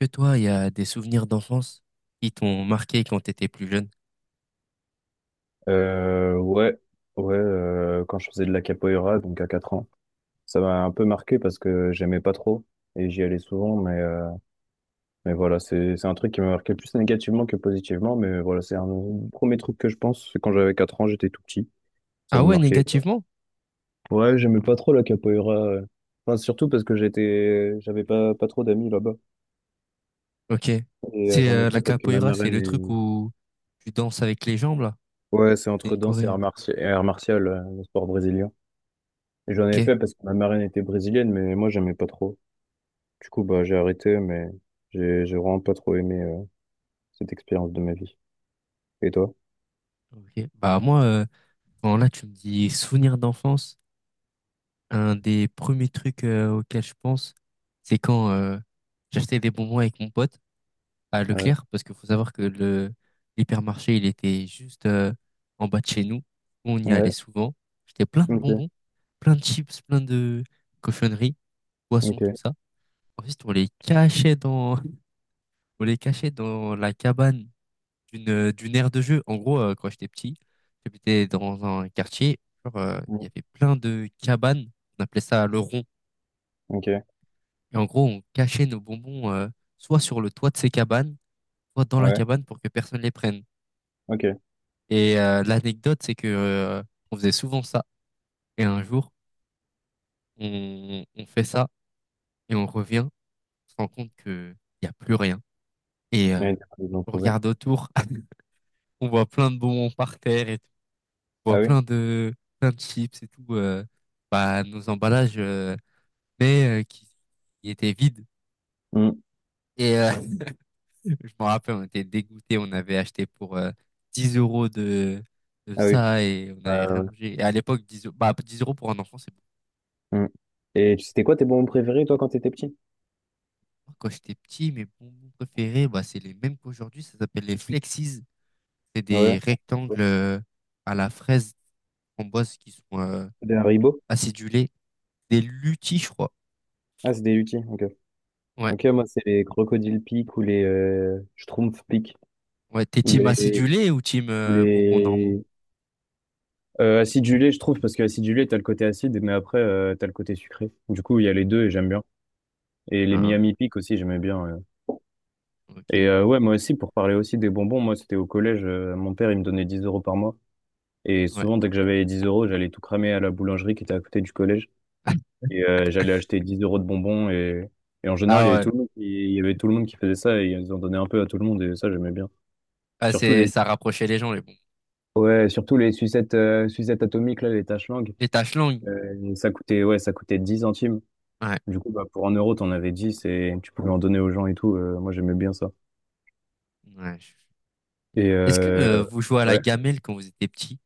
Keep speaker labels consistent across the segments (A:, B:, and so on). A: Que toi, il y a des souvenirs d'enfance qui t'ont marqué quand t'étais plus jeune?
B: Ouais, ouais, quand je faisais de la capoeira, donc à 4 ans, ça m'a un peu marqué parce que j'aimais pas trop et j'y allais souvent, mais voilà, c'est un truc qui m'a marqué plus négativement que positivement, mais voilà, c'est un des premiers trucs que je pense, c'est quand j'avais 4 ans, j'étais tout petit, ça m'a
A: Ah ouais,
B: marqué.
A: négativement?
B: Ouais, j'aimais pas trop la capoeira. Enfin, surtout parce que j'avais pas trop d'amis là-bas
A: Ok.
B: et
A: C'est
B: j'en ai fait
A: la
B: parce que ma
A: capoeira, c'est
B: marraine
A: le truc
B: est,
A: où tu danses avec les jambes, là.
B: ouais, c'est
A: C'est
B: entre
A: une
B: danse et
A: corée.
B: et art martial, le sport brésilien. Et j'en
A: Ok.
B: ai fait parce que ma marraine était brésilienne, mais moi j'aimais pas trop. Du coup, bah, j'ai arrêté, mais j'ai vraiment pas trop aimé, cette expérience de ma vie. Et toi?
A: Ok. Bah moi, quand là, tu me dis souvenirs d'enfance, un des premiers trucs auxquels je pense, c'est quand j'achetais des bonbons avec mon pote à
B: Ouais,
A: Leclerc, parce qu'il faut savoir que le l'hypermarché, il était juste en bas de chez nous. On y
B: ouais,
A: allait souvent. J'étais plein de
B: ok,
A: bonbons, plein de chips, plein de cochonneries, poissons, tout
B: ok,
A: ça. Ensuite, on les cachait dans, on les cachait dans la cabane d'une aire de jeu. En gros, quand j'étais petit, j'habitais dans un quartier. Il
B: mm,
A: y avait plein de cabanes. On appelait ça le rond.
B: ok,
A: Et en gros, on cachait nos bonbons soit sur le toit de ces cabanes, soit dans la
B: ouais,
A: cabane pour que personne les prenne.
B: ok.
A: L'anecdote, c'est que on faisait souvent ça. Et un jour, on fait ça et on revient, on se rend compte que il y a plus rien. Et euh,
B: Ouais, du coup, ils l'ont
A: on
B: trouvé.
A: regarde autour, on voit plein de bonbons par terre et tout. On
B: Ah
A: voit
B: oui?
A: plein de chips et tout. Bah nos emballages, mais euh, qui, qui étaient vides.
B: Mm,
A: Et euh, je me rappelle, on était dégoûtés. On avait acheté pour 10 € de
B: ah oui.
A: ça et on
B: Ouais,
A: n'avait rien
B: ouais,
A: mangé. Et à l'époque, 10 € pour un enfant, c'est...
B: ouais, mm. Et c'était quoi tes bonbons préférés, toi, quand t'étais petit?
A: Moi, quand j'étais petit, mes bonbons préférés, bah, c'est les mêmes qu'aujourd'hui. Ça s'appelle les Flexies. C'est
B: Ouais.
A: des rectangles à la fraise framboise qui sont
B: Des Haribo?
A: acidulés. Des Lutis, je crois.
B: Ah, c'est des Lucky, ok.
A: Ouais.
B: Ok, moi, c'est les Crocodile Peak ou les Schtroumpf Peak.
A: Ouais, t'es
B: Où il y a
A: team
B: les...
A: acidulé ou team
B: où
A: bonbons normaux?
B: les... Acidulé, je trouve, parce que acidulé, t'as le côté acide, mais après, t'as le côté sucré. Du coup, il y a les deux et j'aime bien. Et les
A: Ah,
B: Miami Peak aussi, j'aimais bien. Ouais.
A: ok, je vois.
B: Ouais, moi aussi, pour parler aussi des bonbons, moi, c'était au collège. Mon père, il me donnait 10 € par mois. Et
A: Ouais.
B: souvent, dès que j'avais les 10 euros, j'allais tout cramer à la boulangerie qui était à côté du collège. J'allais acheter 10 € de bonbons. Et en général,
A: Ah ouais.
B: il y avait tout le monde qui faisait ça. Et ils en donnaient un peu à tout le monde. Et ça, j'aimais bien.
A: Ah,
B: Surtout des,
A: ça rapprochait les gens, les bonbons.
B: ouais, surtout les sucettes atomiques, là, les taches langues.
A: Les taches langues.
B: Ça coûtait, ouais, ça coûtait 10 centimes.
A: Ouais.
B: Du coup, bah, pour un euro, t'en avais 10 et tu pouvais en donner aux gens et tout. Moi, j'aimais bien ça.
A: Ouais.
B: Et
A: Est-ce que
B: euh,
A: vous jouez à la
B: Ouais.
A: gamelle quand vous étiez petit?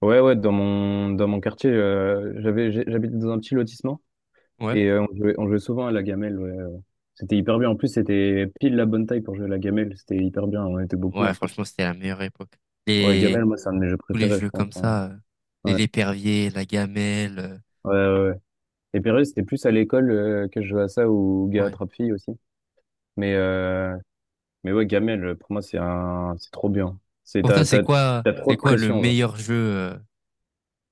B: Ouais, ouais, dans mon quartier, j'habitais dans un petit lotissement
A: Ouais.
B: et on jouait souvent à la gamelle. ouais. C'était hyper bien. En plus, c'était pile la bonne taille pour jouer à la gamelle. C'était hyper bien. On était beaucoup
A: Ouais,
B: en plus.
A: franchement, c'était la meilleure époque.
B: Ouais,
A: Les
B: gamelle, moi, c'est un de mes jeux
A: Tous les
B: préférés, je
A: jeux
B: pense,
A: comme
B: hein.
A: ça, et
B: Ouais,
A: l'épervier, la gamelle.
B: ouais, ouais. Ouais. Et Pérus, c'était plus à l'école, que je jouais à ça ou gars
A: Ouais.
B: attrape fille aussi. Mais, euh, mais ouais, gamelle, pour moi, c'est trop bien. C'est,
A: Pour toi,
B: t'as, t'as, t'as trop
A: c'est
B: de
A: quoi le
B: pression, là.
A: meilleur jeu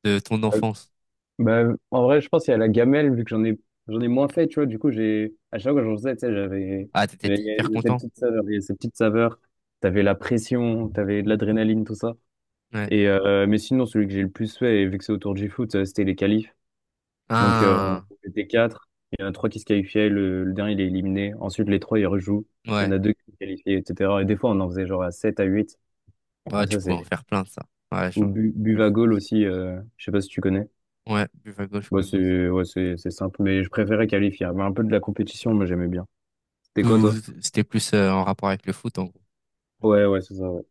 A: de ton enfance?
B: Bah, en vrai, je pense qu'il y a la gamelle, vu que j'en ai moins fait, tu vois. Du coup, j'ai, à chaque fois que j'en faisais, tu sais, j'avais,
A: Ah,
B: j'avais-
A: t'étais hyper
B: il y a cette
A: content?
B: petite saveur, il y a cette petite saveur. T'avais la pression, t'avais de l'adrénaline, tout ça.
A: Ouais.
B: Mais sinon, celui que j'ai le plus fait, et vu que c'est autour du foot, c'était les qualifs. Donc, on
A: Ah,
B: on était quatre. Il y en a trois qui se qualifiaient, le dernier, il est éliminé. Ensuite, les trois, ils rejouent. Il y en
A: ouais.
B: a deux qui se qualifient, etc. Et des fois, on en faisait genre à 7 à huit. Ah,
A: Ouais, tu
B: ça,
A: pouvais en
B: c'est,
A: faire plein de ça. Ouais,
B: ou
A: j'en- je joue
B: Buvagoal
A: aussi.
B: aussi, je sais pas si tu connais.
A: Ouais, Buff à gauche je
B: Bon,
A: connais aussi.
B: c'est ouais, c'est simple, mais je préférais qualifier. Il y avait un peu de la compétition,
A: Ouais.
B: mais j'aimais bien. C'était quoi, toi?
A: Tout, c'était plus en rapport avec le foot, en gros.
B: Ouais, ouais, c'est ça, ouais.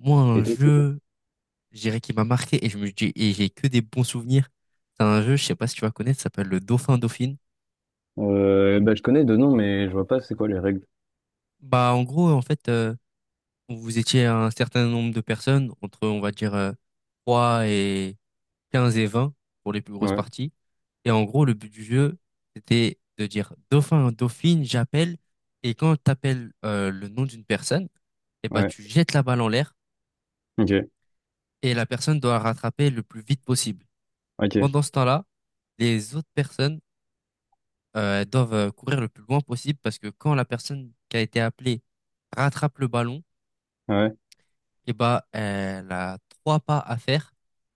A: Moi, un
B: Et toi, c'est quoi?
A: jeu, je dirais qui m'a marqué et j'ai que des bons souvenirs. C'est un jeu, je sais pas si tu vas connaître, ça s'appelle le Dauphin Dauphine.
B: Bah, je connais deux noms, mais je vois pas c'est quoi les règles.
A: Bah, en gros, en fait, vous étiez un certain nombre de personnes, entre, on va dire, 3 et 15 et 20 pour les plus grosses
B: Ouais,
A: parties. Et en gros, le but du jeu, c'était de dire dauphin, dauphine, j'appelle. Et quand tu appelles le nom d'une personne, eh ben,
B: ouais.
A: tu jettes la balle en l'air
B: Ok,
A: et la personne doit rattraper le plus vite possible.
B: ok.
A: Pendant ce temps-là, les autres personnes elles doivent courir le plus loin possible parce que quand la personne qui a été appelée rattrape le ballon,
B: Ouais,
A: eh bah, elle a trois pas à faire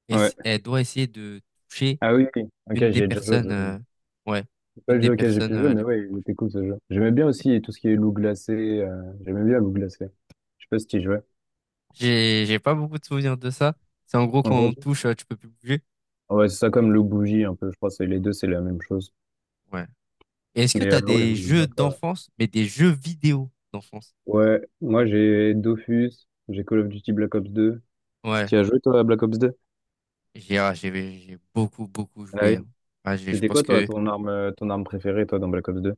A: et
B: ouais.
A: elle doit essayer de toucher
B: Ah oui, oui. Ok,
A: une des
B: j'y ai déjà joué, ça.
A: personnes, ouais,
B: C'est pas
A: une
B: le
A: des
B: jeu auquel j'ai
A: personnes
B: pu jouer, mais
A: les plus
B: ouais, il
A: proches.
B: était cool ce jeu. J'aimais bien aussi tout ce qui est loup glacé. J'aimais bien loup glacé. Je sais pas si tu y jouais.
A: J'ai pas beaucoup de souvenirs de ça. C'est en gros
B: En
A: quand on
B: gros,
A: touche, tu peux plus bouger.
B: ouais, c'est ça comme le bougie un peu, je crois, c'est les deux, c'est la même chose.
A: Ouais. Et est-ce que t'as
B: Ouais, je
A: des
B: voulais
A: jeux
B: bien pas.
A: d'enfance, mais des jeux vidéo d'enfance?
B: Ouais, moi j'ai Dofus, j'ai Call of Duty Black Ops 2.
A: Ouais.
B: Tu as joué toi à Black Ops 2?
A: J'ai, ah, j'ai, j'ai beaucoup, beaucoup
B: Ah
A: joué,
B: oui.
A: hein. Je
B: C'était
A: pense
B: quoi toi
A: que
B: ton arme préférée toi dans Black Ops 2?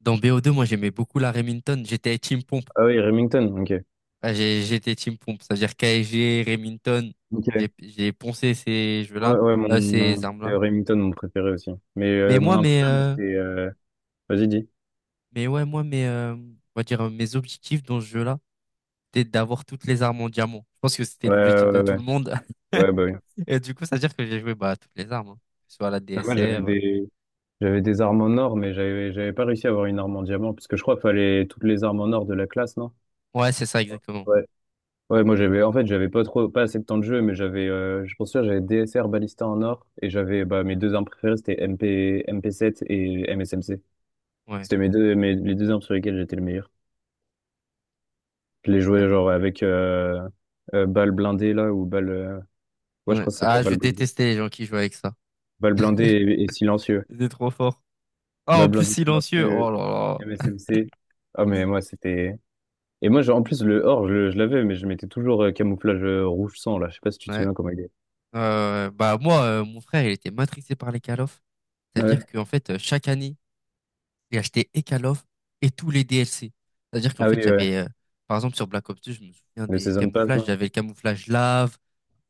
A: dans BO2, moi j'aimais beaucoup la Remington. J'étais Team Pompe.
B: Ah oui, Remington, ok.
A: J'étais team pompe, c'est-à-dire KSG, Remington,
B: Ok.
A: j'ai poncé ces
B: Ouais,
A: jeux-là,
B: ouais,
A: ces
B: mon c'est
A: armes-là.
B: Remington mon préféré aussi.
A: Mais
B: Mon
A: moi,
B: arme préférée, moi, c'était, vas-y, dis.
A: mais ouais, moi, mais, on va dire, mes objectifs dans ce jeu-là, c'était d'avoir toutes les armes en diamant. Je pense que c'était
B: Ouais,
A: l'objectif de
B: ouais,
A: tout
B: ouais.
A: le monde.
B: Ouais, bah oui.
A: Et du coup, ça veut dire que j'ai joué bah, à toutes les armes, hein. Que ce soit la
B: Ah, moi
A: DSR.
B: j'avais des j'avais des armes en or, mais j'avais pas réussi à avoir une arme en diamant, parce que je crois qu'il fallait toutes les armes en or de la classe, non?
A: Ouais, c'est ça, exactement.
B: Ouais. Ouais, moi j'avais en fait j'avais pas assez de temps de jeu, mais j'avais, je pense que j'avais DSR Ballista en or et j'avais bah mes deux armes préférées c'était MP MP7 et MSMC.
A: Ouais,
B: C'était mes deux, mes- les deux armes sur lesquelles j'étais le meilleur. Je les
A: ouais,
B: jouais
A: j'avoue.
B: genre avec balle blindée là ou balle, ouais, je
A: Ouais.
B: crois que ça s'appelait
A: Ah, je
B: balle blindée.
A: détestais les gens qui jouaient avec ça.
B: Balle blindée et silencieux.
A: C'était trop fort. Ah, en
B: Balle
A: plus,
B: blindée,
A: silencieux. Oh
B: silencieux,
A: là
B: MSMC. Ah, mais moi, c'était. Et moi, genre, en plus, le or, je l'avais, mais je mettais toujours camouflage, rouge sang là. Je sais pas si tu te
A: là. Ouais.
B: souviens comment il est.
A: Bah moi, mon frère, il était matrixé par les call of. C'est-à-dire
B: Ouais.
A: qu'en fait, chaque année, j'ai acheté et Call of et tous les DLC. C'est-à-dire qu'en
B: Ah
A: fait,
B: oui, ouais.
A: par exemple, sur Black Ops 2, je me souviens
B: Le
A: des
B: Season Pass
A: camouflages.
B: là.
A: J'avais le camouflage lave,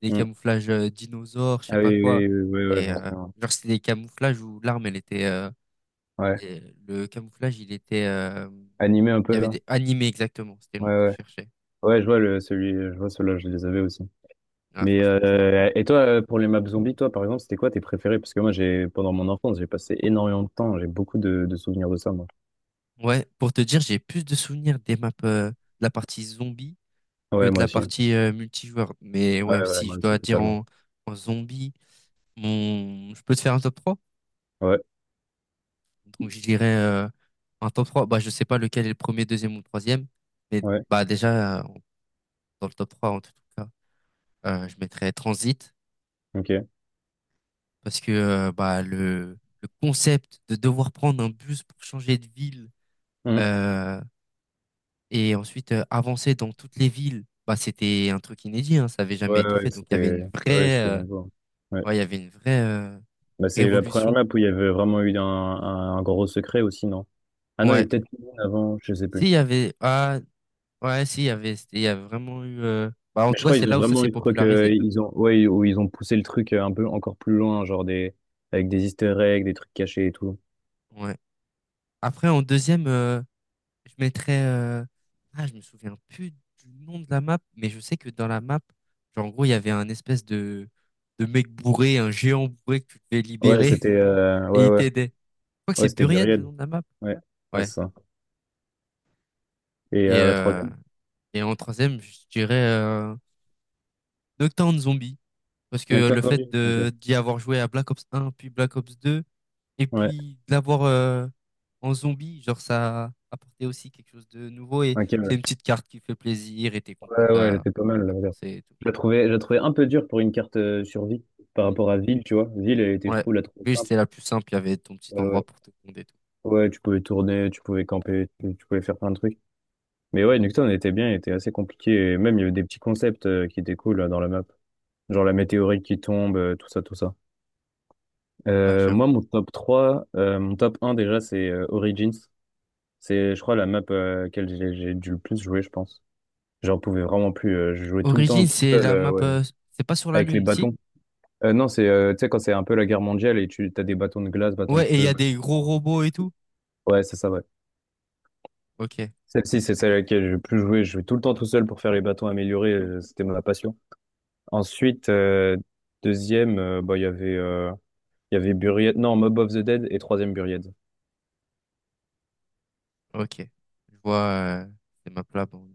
A: des
B: Hmm.
A: camouflages dinosaures, je sais
B: Ah
A: pas
B: oui,
A: quoi.
B: oui, oui, oui, ouais, ouais,
A: Et
B: j'en
A: euh,
B: souviens.
A: genre, c'était des camouflages où l'arme, elle était...
B: Ouais.
A: et le camouflage, il était...
B: Animé un
A: il y
B: peu
A: avait
B: là.
A: des animés, exactement. C'était le
B: Ouais,
A: mot que je
B: ouais.
A: cherchais.
B: Ouais, je vois celui, je vois ceux-là, je les avais aussi.
A: Ah, franchement, c'était incroyable.
B: Et toi, pour les maps zombies, toi, par exemple, c'était quoi tes préférés? Parce que moi, j'ai pendant mon enfance, j'ai passé énormément de temps, j'ai beaucoup de souvenirs de ça, moi.
A: Ouais, pour te dire, j'ai plus de souvenirs des maps, de la partie zombie que
B: Ouais,
A: de
B: moi
A: la
B: aussi.
A: partie multijoueur. Mais
B: Ouais,
A: ouais,
B: ouais,
A: si
B: moi
A: je
B: aussi,
A: dois dire
B: totalement.
A: en, en zombie, mon... je peux te faire un top 3.
B: Ouais,
A: Donc je dirais un top 3. Bah, je sais pas lequel est le premier, deuxième ou troisième. Mais
B: ouais,
A: bah, déjà, dans le top 3 en tout cas, je mettrais Transit.
B: ok.
A: Parce que bah, le concept de devoir prendre un bus pour changer de ville
B: Mm.
A: euh, et ensuite avancer dans toutes les villes, bah, c'était un truc inédit, hein, ça avait
B: Ouais,
A: jamais été fait. Donc
B: ouais, ouais, c'était nouveau. Ouais.
A: il y avait une vraie
B: Bah, c'est la première
A: révolution.
B: map où il y avait vraiment eu un gros secret aussi, non? Ah non, il y a
A: Ouais.
B: peut-être une avant, je sais plus.
A: S'il y avait, ah, ouais, si, il y avait, c'était- Il y a vraiment eu, en
B: Mais
A: tout
B: je
A: cas,
B: crois
A: c'est
B: qu'ils ont
A: là où ça
B: vraiment
A: s'est
B: eu le truc,
A: popularisé.
B: ils ont, ouais, où ils ont poussé le truc, un peu encore plus loin, genre des, avec des easter eggs, des trucs cachés et tout.
A: Ouais. Après, en deuxième, je mettrais, je me souviens plus du nom de la map, mais je sais que dans la map, genre, en gros, il y avait un espèce de mec bourré, un géant bourré que tu devais
B: Ouais,
A: libérer
B: c'était,
A: et
B: ouais,
A: il
B: ouais,
A: t'aidait. Je crois que c'est
B: ouais, c'était
A: Buried, le
B: Buried.
A: nom de la map.
B: Ouais, ouais, c'est
A: Ouais.
B: ça. Et
A: Et,
B: la
A: euh,
B: troisième?
A: et en troisième, je dirais, Nocturne Zombie. Parce que
B: Necton
A: le fait
B: Zombie. Ok.
A: de, d'y avoir joué à Black Ops un puis Black Ops 2 et
B: Ouais.
A: puis de l'avoir en zombie, genre ça apportait aussi quelque chose de nouveau et
B: Ok,
A: c'est
B: ouais.
A: une petite carte qui fait plaisir et t'es content de
B: Ouais, ouais, elle
A: de
B: était pas mal, la
A: la
B: verdade.
A: penser et tout.
B: Je la trouvais un peu dure pour une carte, survie par
A: Mm.
B: rapport à Ville, tu vois. Ville, elle était, je
A: Ouais,
B: trouve, la trouvais
A: oui,
B: simple.
A: c'était la plus simple, il y avait ton petit
B: Ouais, ouais.
A: endroit pour te pondre et tout.
B: Ouais, tu pouvais tourner, tu pouvais camper, tu pouvais faire plein de trucs. Mais ouais, Nocturne elle était bien, il était assez compliqué. Et même, il y avait des petits concepts, qui étaient cool là, dans la map. Genre la météorite qui tombe, tout ça, tout ça.
A: Ouais,
B: Moi,
A: j'avoue.
B: mon top trois, mon top un déjà, c'est, Origins. C'est, je crois, la map, à laquelle j'ai dû le plus jouer, je pense. J'en pouvais vraiment plus. Je jouais tout le temps
A: Origin,
B: tout
A: c'est
B: seul,
A: la map,
B: ouais,
A: c'est pas sur la
B: avec les
A: Lune, si?
B: bâtons. Non, c'est, tu sais, quand c'est un peu la guerre mondiale et tu as des bâtons de glace, bâtons de
A: Ouais, et il y
B: feu,
A: a
B: bâtons
A: des
B: de
A: gros
B: sang.
A: robots et tout.
B: Ouais, c'est ça, ouais.
A: Ok,
B: Celle-ci, c'est celle à laquelle j'ai le plus joué. Je jouais tout le temps tout seul pour faire les bâtons améliorés. C'était ma passion. Ensuite, deuxième, bah, il y avait Buried. Non, Mob of the Dead et troisième Buried.
A: ok. Je vois ces maps-là. Bon.